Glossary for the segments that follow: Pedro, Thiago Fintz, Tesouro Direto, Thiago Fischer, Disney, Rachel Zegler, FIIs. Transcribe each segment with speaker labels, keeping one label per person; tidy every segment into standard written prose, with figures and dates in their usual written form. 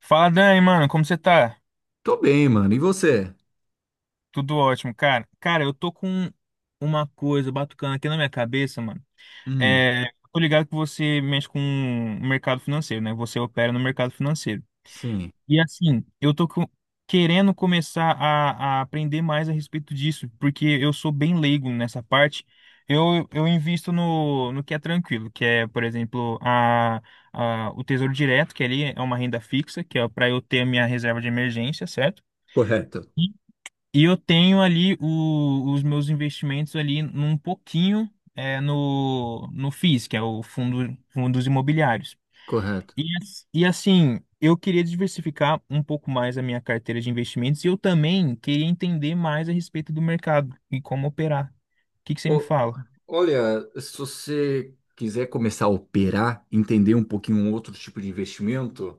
Speaker 1: Fala, Dani, mano, como você tá?
Speaker 2: Tô bem, mano. E você?
Speaker 1: Tudo ótimo, cara. Cara, eu tô com uma coisa batucando aqui na minha cabeça, mano.
Speaker 2: Hum,
Speaker 1: É, Tô ligado que você mexe com o mercado financeiro, né? Você opera no mercado financeiro.
Speaker 2: sim,
Speaker 1: E assim, querendo começar a aprender mais a respeito disso, porque eu sou bem leigo nessa parte. Eu invisto no que é tranquilo, que é, por exemplo, o Tesouro Direto, que ali é uma renda fixa, que é para eu ter a minha reserva de emergência, certo?
Speaker 2: correto,
Speaker 1: E eu tenho ali os meus investimentos ali num pouquinho no FIIs, que é o fundos imobiliários.
Speaker 2: correto.
Speaker 1: E, e assim, eu queria diversificar um pouco mais a minha carteira de investimentos e eu também queria entender mais a respeito do mercado e como operar. O que que você me
Speaker 2: Ô,
Speaker 1: fala?
Speaker 2: olha, se você quiser começar a operar, entender um pouquinho um outro tipo de investimento,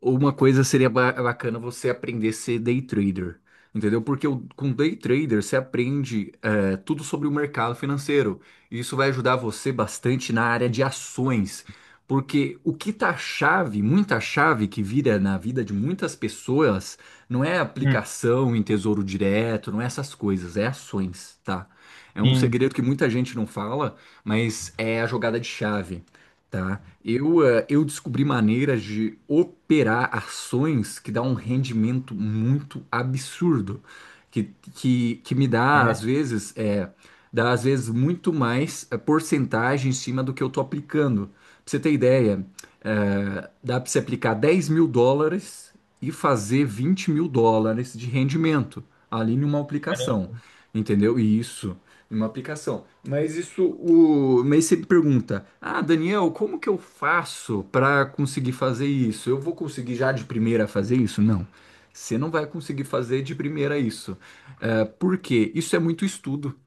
Speaker 2: uma coisa seria bacana você aprender a ser day trader, entendeu? Porque com day trader você aprende tudo sobre o mercado financeiro. E isso vai ajudar você bastante na área de ações. Porque o que tá chave, muita chave que vira na vida de muitas pessoas, não é
Speaker 1: Hum,
Speaker 2: aplicação em tesouro direto, não é essas coisas, é ações, tá? É um
Speaker 1: sim,
Speaker 2: segredo que muita gente não fala, mas é a jogada de chave. Tá? Eu descobri maneiras de operar ações que dá um rendimento muito absurdo, que, que me
Speaker 1: é,
Speaker 2: dá, às vezes, dá, às vezes, muito mais porcentagem em cima do que eu tô aplicando. Pra você ter ideia, dá para você aplicar US$ 10.000 e fazer US$ 20.000 de rendimento ali numa aplicação,
Speaker 1: caramba.
Speaker 2: entendeu? E isso uma aplicação. Mas isso. Mas sempre pergunta, ah, Daniel, como que eu faço para conseguir fazer isso? Eu vou conseguir já de primeira fazer isso? Não. Você não vai conseguir fazer de primeira isso. É, por quê? Isso é muito estudo,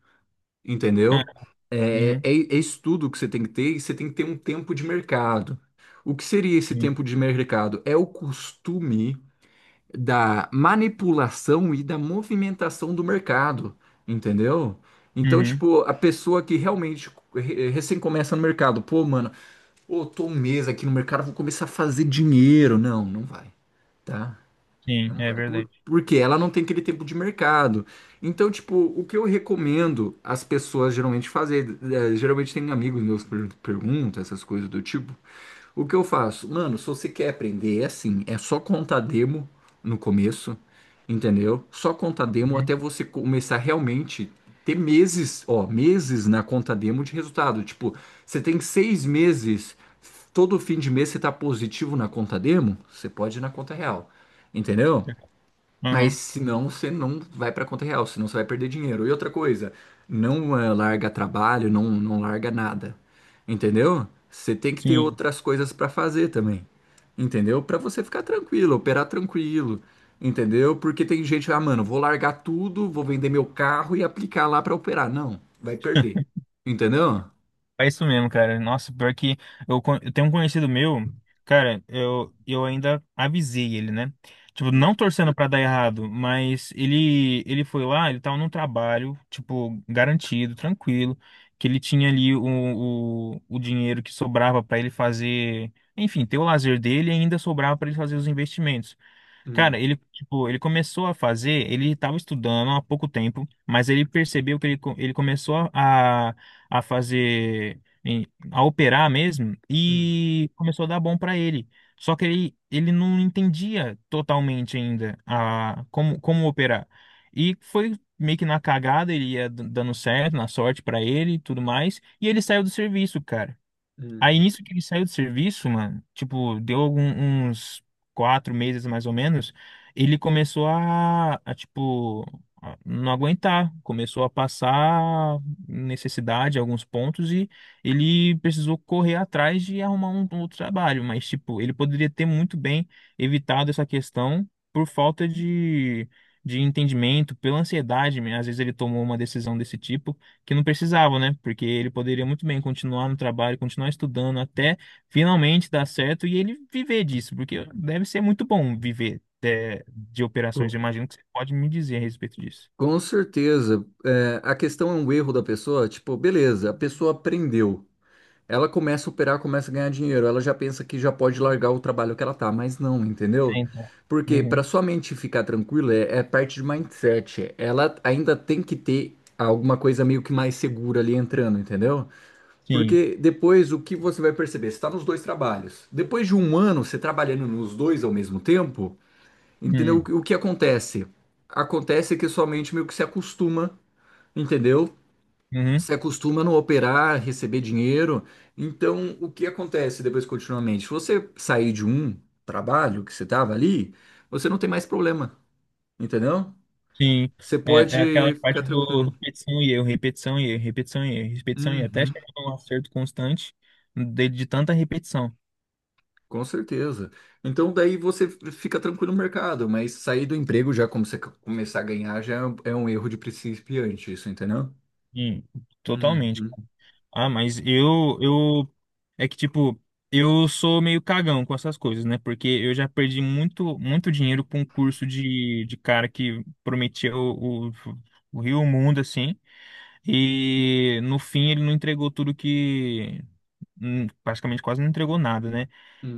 Speaker 1: Ah,
Speaker 2: entendeu? É,
Speaker 1: uhum,
Speaker 2: é, é estudo que você tem que ter e você tem que ter um tempo de mercado. O que seria esse
Speaker 1: sim,
Speaker 2: tempo de mercado? É o costume da manipulação e da movimentação do mercado, entendeu? Então,
Speaker 1: uhum,
Speaker 2: tipo, a pessoa que realmente recém começa no mercado, pô, mano, ô, tô um mês aqui no mercado, vou começar a fazer dinheiro. Não, não vai, tá?
Speaker 1: sim,
Speaker 2: Não
Speaker 1: é
Speaker 2: vai. Por,
Speaker 1: verdade.
Speaker 2: porque ela não tem aquele tempo de mercado. Então, tipo, o que eu recomendo as pessoas geralmente fazer, geralmente tem amigos meus que perguntam essas coisas do tipo, o que eu faço? Mano, se você quer aprender, é assim, é só contar demo no começo, entendeu? Só contar demo
Speaker 1: Uhum,
Speaker 2: até você começar realmente ter meses, ó, meses na conta demo de resultado. Tipo, você tem 6 meses, todo fim de mês você tá positivo na conta demo, você pode ir na conta real, entendeu? Mas
Speaker 1: uhum,
Speaker 2: senão você não vai para conta real, senão você vai perder dinheiro. E outra coisa, não larga trabalho, não, não larga nada. Entendeu? Você tem que ter
Speaker 1: sim.
Speaker 2: outras coisas para fazer também. Entendeu? Para você ficar tranquilo, operar tranquilo. Entendeu? Porque tem gente, ah, mano, vou largar tudo, vou vender meu carro e aplicar lá para operar. Não, vai perder. Entendeu?
Speaker 1: É isso mesmo, cara. Nossa, pior que eu tenho um conhecido meu, cara, eu ainda avisei ele, né? Tipo, não
Speaker 2: Hum,
Speaker 1: torcendo pra dar errado, mas ele foi lá, ele tava num trabalho, tipo, garantido, tranquilo, que ele tinha ali o dinheiro que sobrava pra ele fazer, enfim, ter o lazer dele e ainda sobrava pra ele fazer os investimentos. Cara,
Speaker 2: hum,
Speaker 1: ele, tipo, ele começou a fazer, ele estava estudando há pouco tempo, mas ele percebeu que ele começou a fazer, a operar mesmo,
Speaker 2: hum,
Speaker 1: e começou a dar bom para ele. Só que ele não entendia totalmente ainda como operar. E foi meio que na cagada, ele ia dando certo, na sorte para ele e tudo mais, e ele saiu do serviço, cara. Aí
Speaker 2: hum.
Speaker 1: nisso que ele saiu do serviço, mano, tipo, uns 4 meses mais ou menos, ele começou tipo, a não aguentar, começou a passar necessidade em alguns pontos e ele precisou correr atrás de arrumar um outro trabalho, mas, tipo, ele poderia ter muito bem evitado essa questão por falta de entendimento, pela ansiedade, né? Às vezes ele tomou uma decisão desse tipo que não precisava, né? Porque ele poderia muito bem continuar no trabalho, continuar estudando até finalmente dar certo e ele viver disso, porque deve ser muito bom viver de operações.
Speaker 2: Co-
Speaker 1: Eu imagino que você pode me dizer a respeito disso.
Speaker 2: Com certeza. É, a questão é um erro da pessoa, tipo, beleza, a pessoa aprendeu. Ela começa a operar, começa a ganhar dinheiro. Ela já pensa que já pode largar o trabalho que ela tá, mas não,
Speaker 1: É,
Speaker 2: entendeu?
Speaker 1: então,
Speaker 2: Porque
Speaker 1: uhum,
Speaker 2: para sua mente ficar tranquila é parte de mindset. Ela ainda tem que ter alguma coisa meio que mais segura ali entrando, entendeu?
Speaker 1: sim,
Speaker 2: Porque depois o que você vai perceber? Você tá nos dois trabalhos. Depois de um ano, você trabalhando nos dois ao mesmo tempo, entendeu? O que
Speaker 1: uhum,
Speaker 2: o que acontece? Acontece que sua mente meio que se acostuma, entendeu?
Speaker 1: uhum,
Speaker 2: Você acostuma não operar, receber dinheiro. Então, o que acontece depois continuamente? Se você sair de um trabalho que você estava ali, você não tem mais problema, entendeu?
Speaker 1: sim.
Speaker 2: Você
Speaker 1: É, é aquela
Speaker 2: pode ficar
Speaker 1: parte do
Speaker 2: tranquilo.
Speaker 1: repetição e erro, repetição e erro, repetição e erro, repetição e erro, até
Speaker 2: Uhum,
Speaker 1: chegar num acerto constante de tanta repetição.
Speaker 2: com certeza. Então, daí você fica tranquilo no mercado, mas sair do emprego já, como você começar a ganhar, já é um erro de principiante, isso, entendeu?
Speaker 1: Sim, totalmente,
Speaker 2: Uhum,
Speaker 1: cara. Ah, é que tipo, eu sou meio cagão com essas coisas, né? Porque eu já perdi muito, muito dinheiro com um curso de cara que prometia o Rio e o Mundo, assim, e no fim ele não entregou tudo que praticamente quase não entregou nada, né?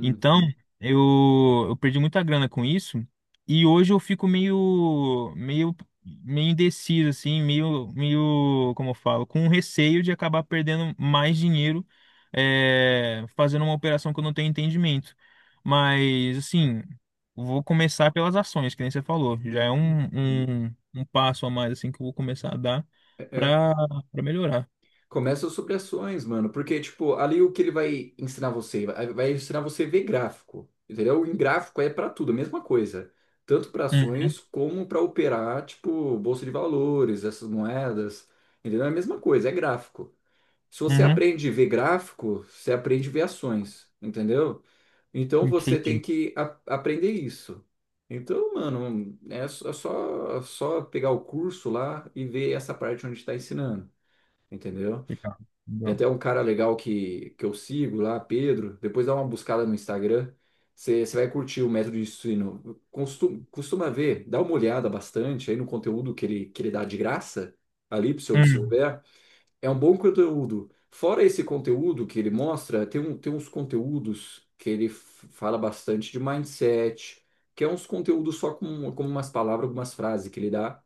Speaker 1: Então, eu perdi muita grana com isso e hoje eu fico meio indeciso, assim, como eu falo, com receio de acabar perdendo mais dinheiro fazendo uma operação que eu não tenho entendimento. Mas, assim, vou começar pelas ações, que nem você falou. Já é
Speaker 2: uhum.
Speaker 1: um passo a mais, assim, que eu vou começar a dar para melhorar.
Speaker 2: Começa as supressões, mano, porque, tipo, ali o que ele vai ensinar você? Vai ensinar você a ver gráfico, entendeu? Em gráfico é pra tudo, a mesma coisa. Tanto pra
Speaker 1: Uhum,
Speaker 2: ações como pra operar, tipo, bolsa de valores, essas moedas, entendeu? É a mesma coisa, é gráfico. Se você
Speaker 1: uhum,
Speaker 2: aprende a ver gráfico, você aprende a ver ações, entendeu? Então você tem
Speaker 1: entendi.
Speaker 2: que aprender isso. Então, mano, é só pegar o curso lá e ver essa parte onde está ensinando, entendeu?
Speaker 1: Legal,
Speaker 2: Tem
Speaker 1: legal.
Speaker 2: até um cara legal que eu sigo lá, Pedro. Depois dá uma buscada no Instagram. Você vai curtir o método de ensino. Costuma ver, dá uma olhada bastante aí no conteúdo que ele dá de graça ali para você
Speaker 1: Hum,
Speaker 2: observar. É um bom conteúdo. Fora esse conteúdo que ele mostra, tem uns conteúdos que ele fala bastante de mindset, que é uns conteúdos só com umas palavras, algumas frases que ele dá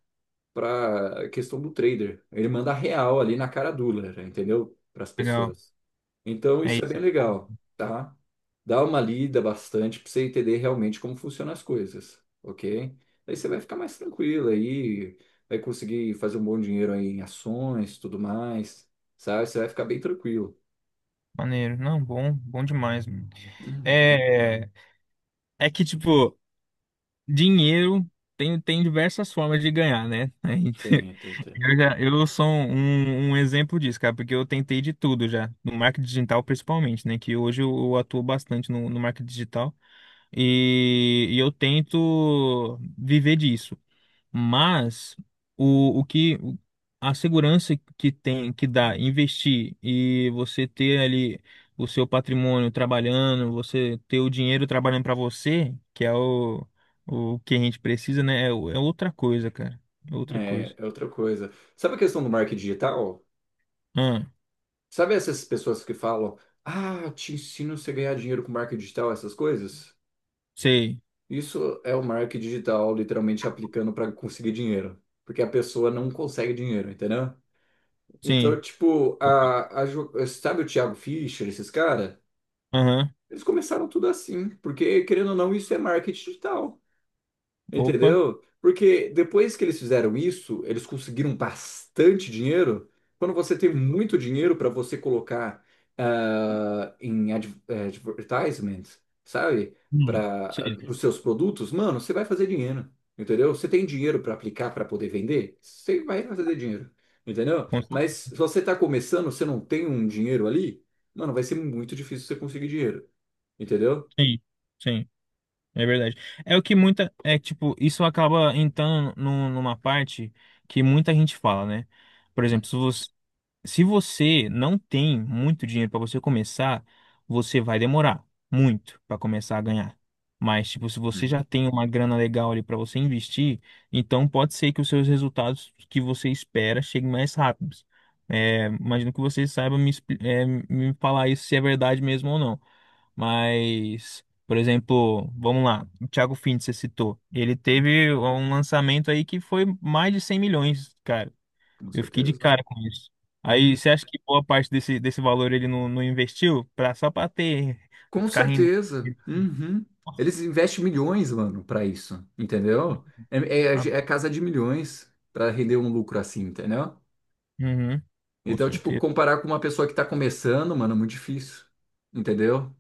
Speaker 2: para a questão do trader. Ele manda real ali na cara dura, entendeu? Para as
Speaker 1: legal.
Speaker 2: pessoas. Então
Speaker 1: É
Speaker 2: isso é bem
Speaker 1: isso.
Speaker 2: legal, tá? Dá uma lida bastante para você entender realmente como funcionam as coisas, ok? Aí você vai ficar mais tranquilo aí, vai conseguir fazer um bom dinheiro aí em ações, tudo mais, sabe? Você vai ficar bem tranquilo.
Speaker 1: Maneiro. Não, bom, bom demais, mano. É, é que, tipo, dinheiro tem diversas formas de ganhar, né? Aí,
Speaker 2: Tem, tem, tem.
Speaker 1: eu, já, eu sou um exemplo disso, cara, porque eu tentei de tudo já, no marketing digital principalmente, né? Que hoje eu atuo bastante no marketing digital e eu tento viver disso. Mas o que a segurança que tem que dá investir e você ter ali o seu patrimônio trabalhando, você ter o dinheiro trabalhando para você, que é o que a gente precisa, né? É, é outra coisa, cara. É outra coisa.
Speaker 2: É, é outra coisa. Sabe a questão do marketing digital?
Speaker 1: Ah,
Speaker 2: Sabe essas pessoas que falam, ah, te ensino você a ganhar dinheiro com marketing digital, essas coisas?
Speaker 1: sei.
Speaker 2: Isso é o marketing digital literalmente aplicando para conseguir dinheiro, porque a pessoa não consegue dinheiro, entendeu? Então,
Speaker 1: Sim.
Speaker 2: tipo, sabe o Thiago Fischer, esses caras?
Speaker 1: Aham.
Speaker 2: Eles começaram tudo assim, porque querendo ou não, isso é marketing digital.
Speaker 1: Opa.
Speaker 2: Entendeu? Porque depois que eles fizeram isso, eles conseguiram bastante dinheiro. Quando você tem muito dinheiro para você colocar em advertisement, sabe?
Speaker 1: Hum.
Speaker 2: Para
Speaker 1: Sei.
Speaker 2: os seus produtos, mano, você vai fazer dinheiro. Entendeu? Você tem dinheiro para aplicar para poder vender? Você vai fazer dinheiro. Entendeu?
Speaker 1: Com-
Speaker 2: Mas se você está começando, você não tem um dinheiro ali, mano, vai ser muito difícil você conseguir dinheiro. Entendeu?
Speaker 1: sim, sim, é verdade. É o que muita. É tipo, isso acaba entrando numa parte que muita gente fala, né? Por
Speaker 2: Hum,
Speaker 1: exemplo, se você não tem muito dinheiro para você começar, você vai demorar muito para começar a ganhar. Mas, tipo, se você
Speaker 2: hum,
Speaker 1: já tem uma grana legal ali para você investir, então pode ser que os seus resultados que você espera cheguem mais rápidos. É, imagino que você saiba me falar isso se é verdade mesmo ou não. Mas, por exemplo, vamos lá, o Thiago Fintz, você citou. Ele teve um lançamento aí que foi mais de 100 milhões, cara.
Speaker 2: Com
Speaker 1: Eu fiquei de
Speaker 2: certeza.
Speaker 1: cara com isso. Aí,
Speaker 2: Uhum.
Speaker 1: você acha que boa parte desse valor ele não investiu pra, só para ter, pra
Speaker 2: Com
Speaker 1: ficar rendendo?
Speaker 2: certeza. Uhum.
Speaker 1: Nossa,
Speaker 2: Eles investem milhões, mano, pra isso, entendeu? É, é-
Speaker 1: tá.
Speaker 2: é casa de milhões pra render um lucro assim, entendeu?
Speaker 1: Uhum, com
Speaker 2: Então, tipo,
Speaker 1: certeza.
Speaker 2: comparar com uma pessoa que tá começando, mano, é muito difícil, entendeu?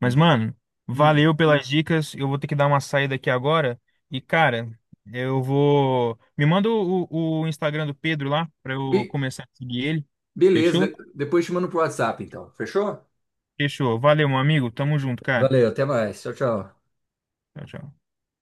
Speaker 1: Mas, mano,
Speaker 2: Hum.
Speaker 1: valeu pelas dicas. Eu vou ter que dar uma saída aqui agora. E, cara, eu vou. Me manda o Instagram do Pedro lá pra eu
Speaker 2: Be-
Speaker 1: começar a seguir ele.
Speaker 2: beleza,
Speaker 1: Fechou?
Speaker 2: depois te mando pro WhatsApp, então. Fechou?
Speaker 1: Fechou. Valeu, meu amigo. Tamo junto, cara.
Speaker 2: Valeu, até mais. Tchau, tchau.
Speaker 1: Tchau, tchau.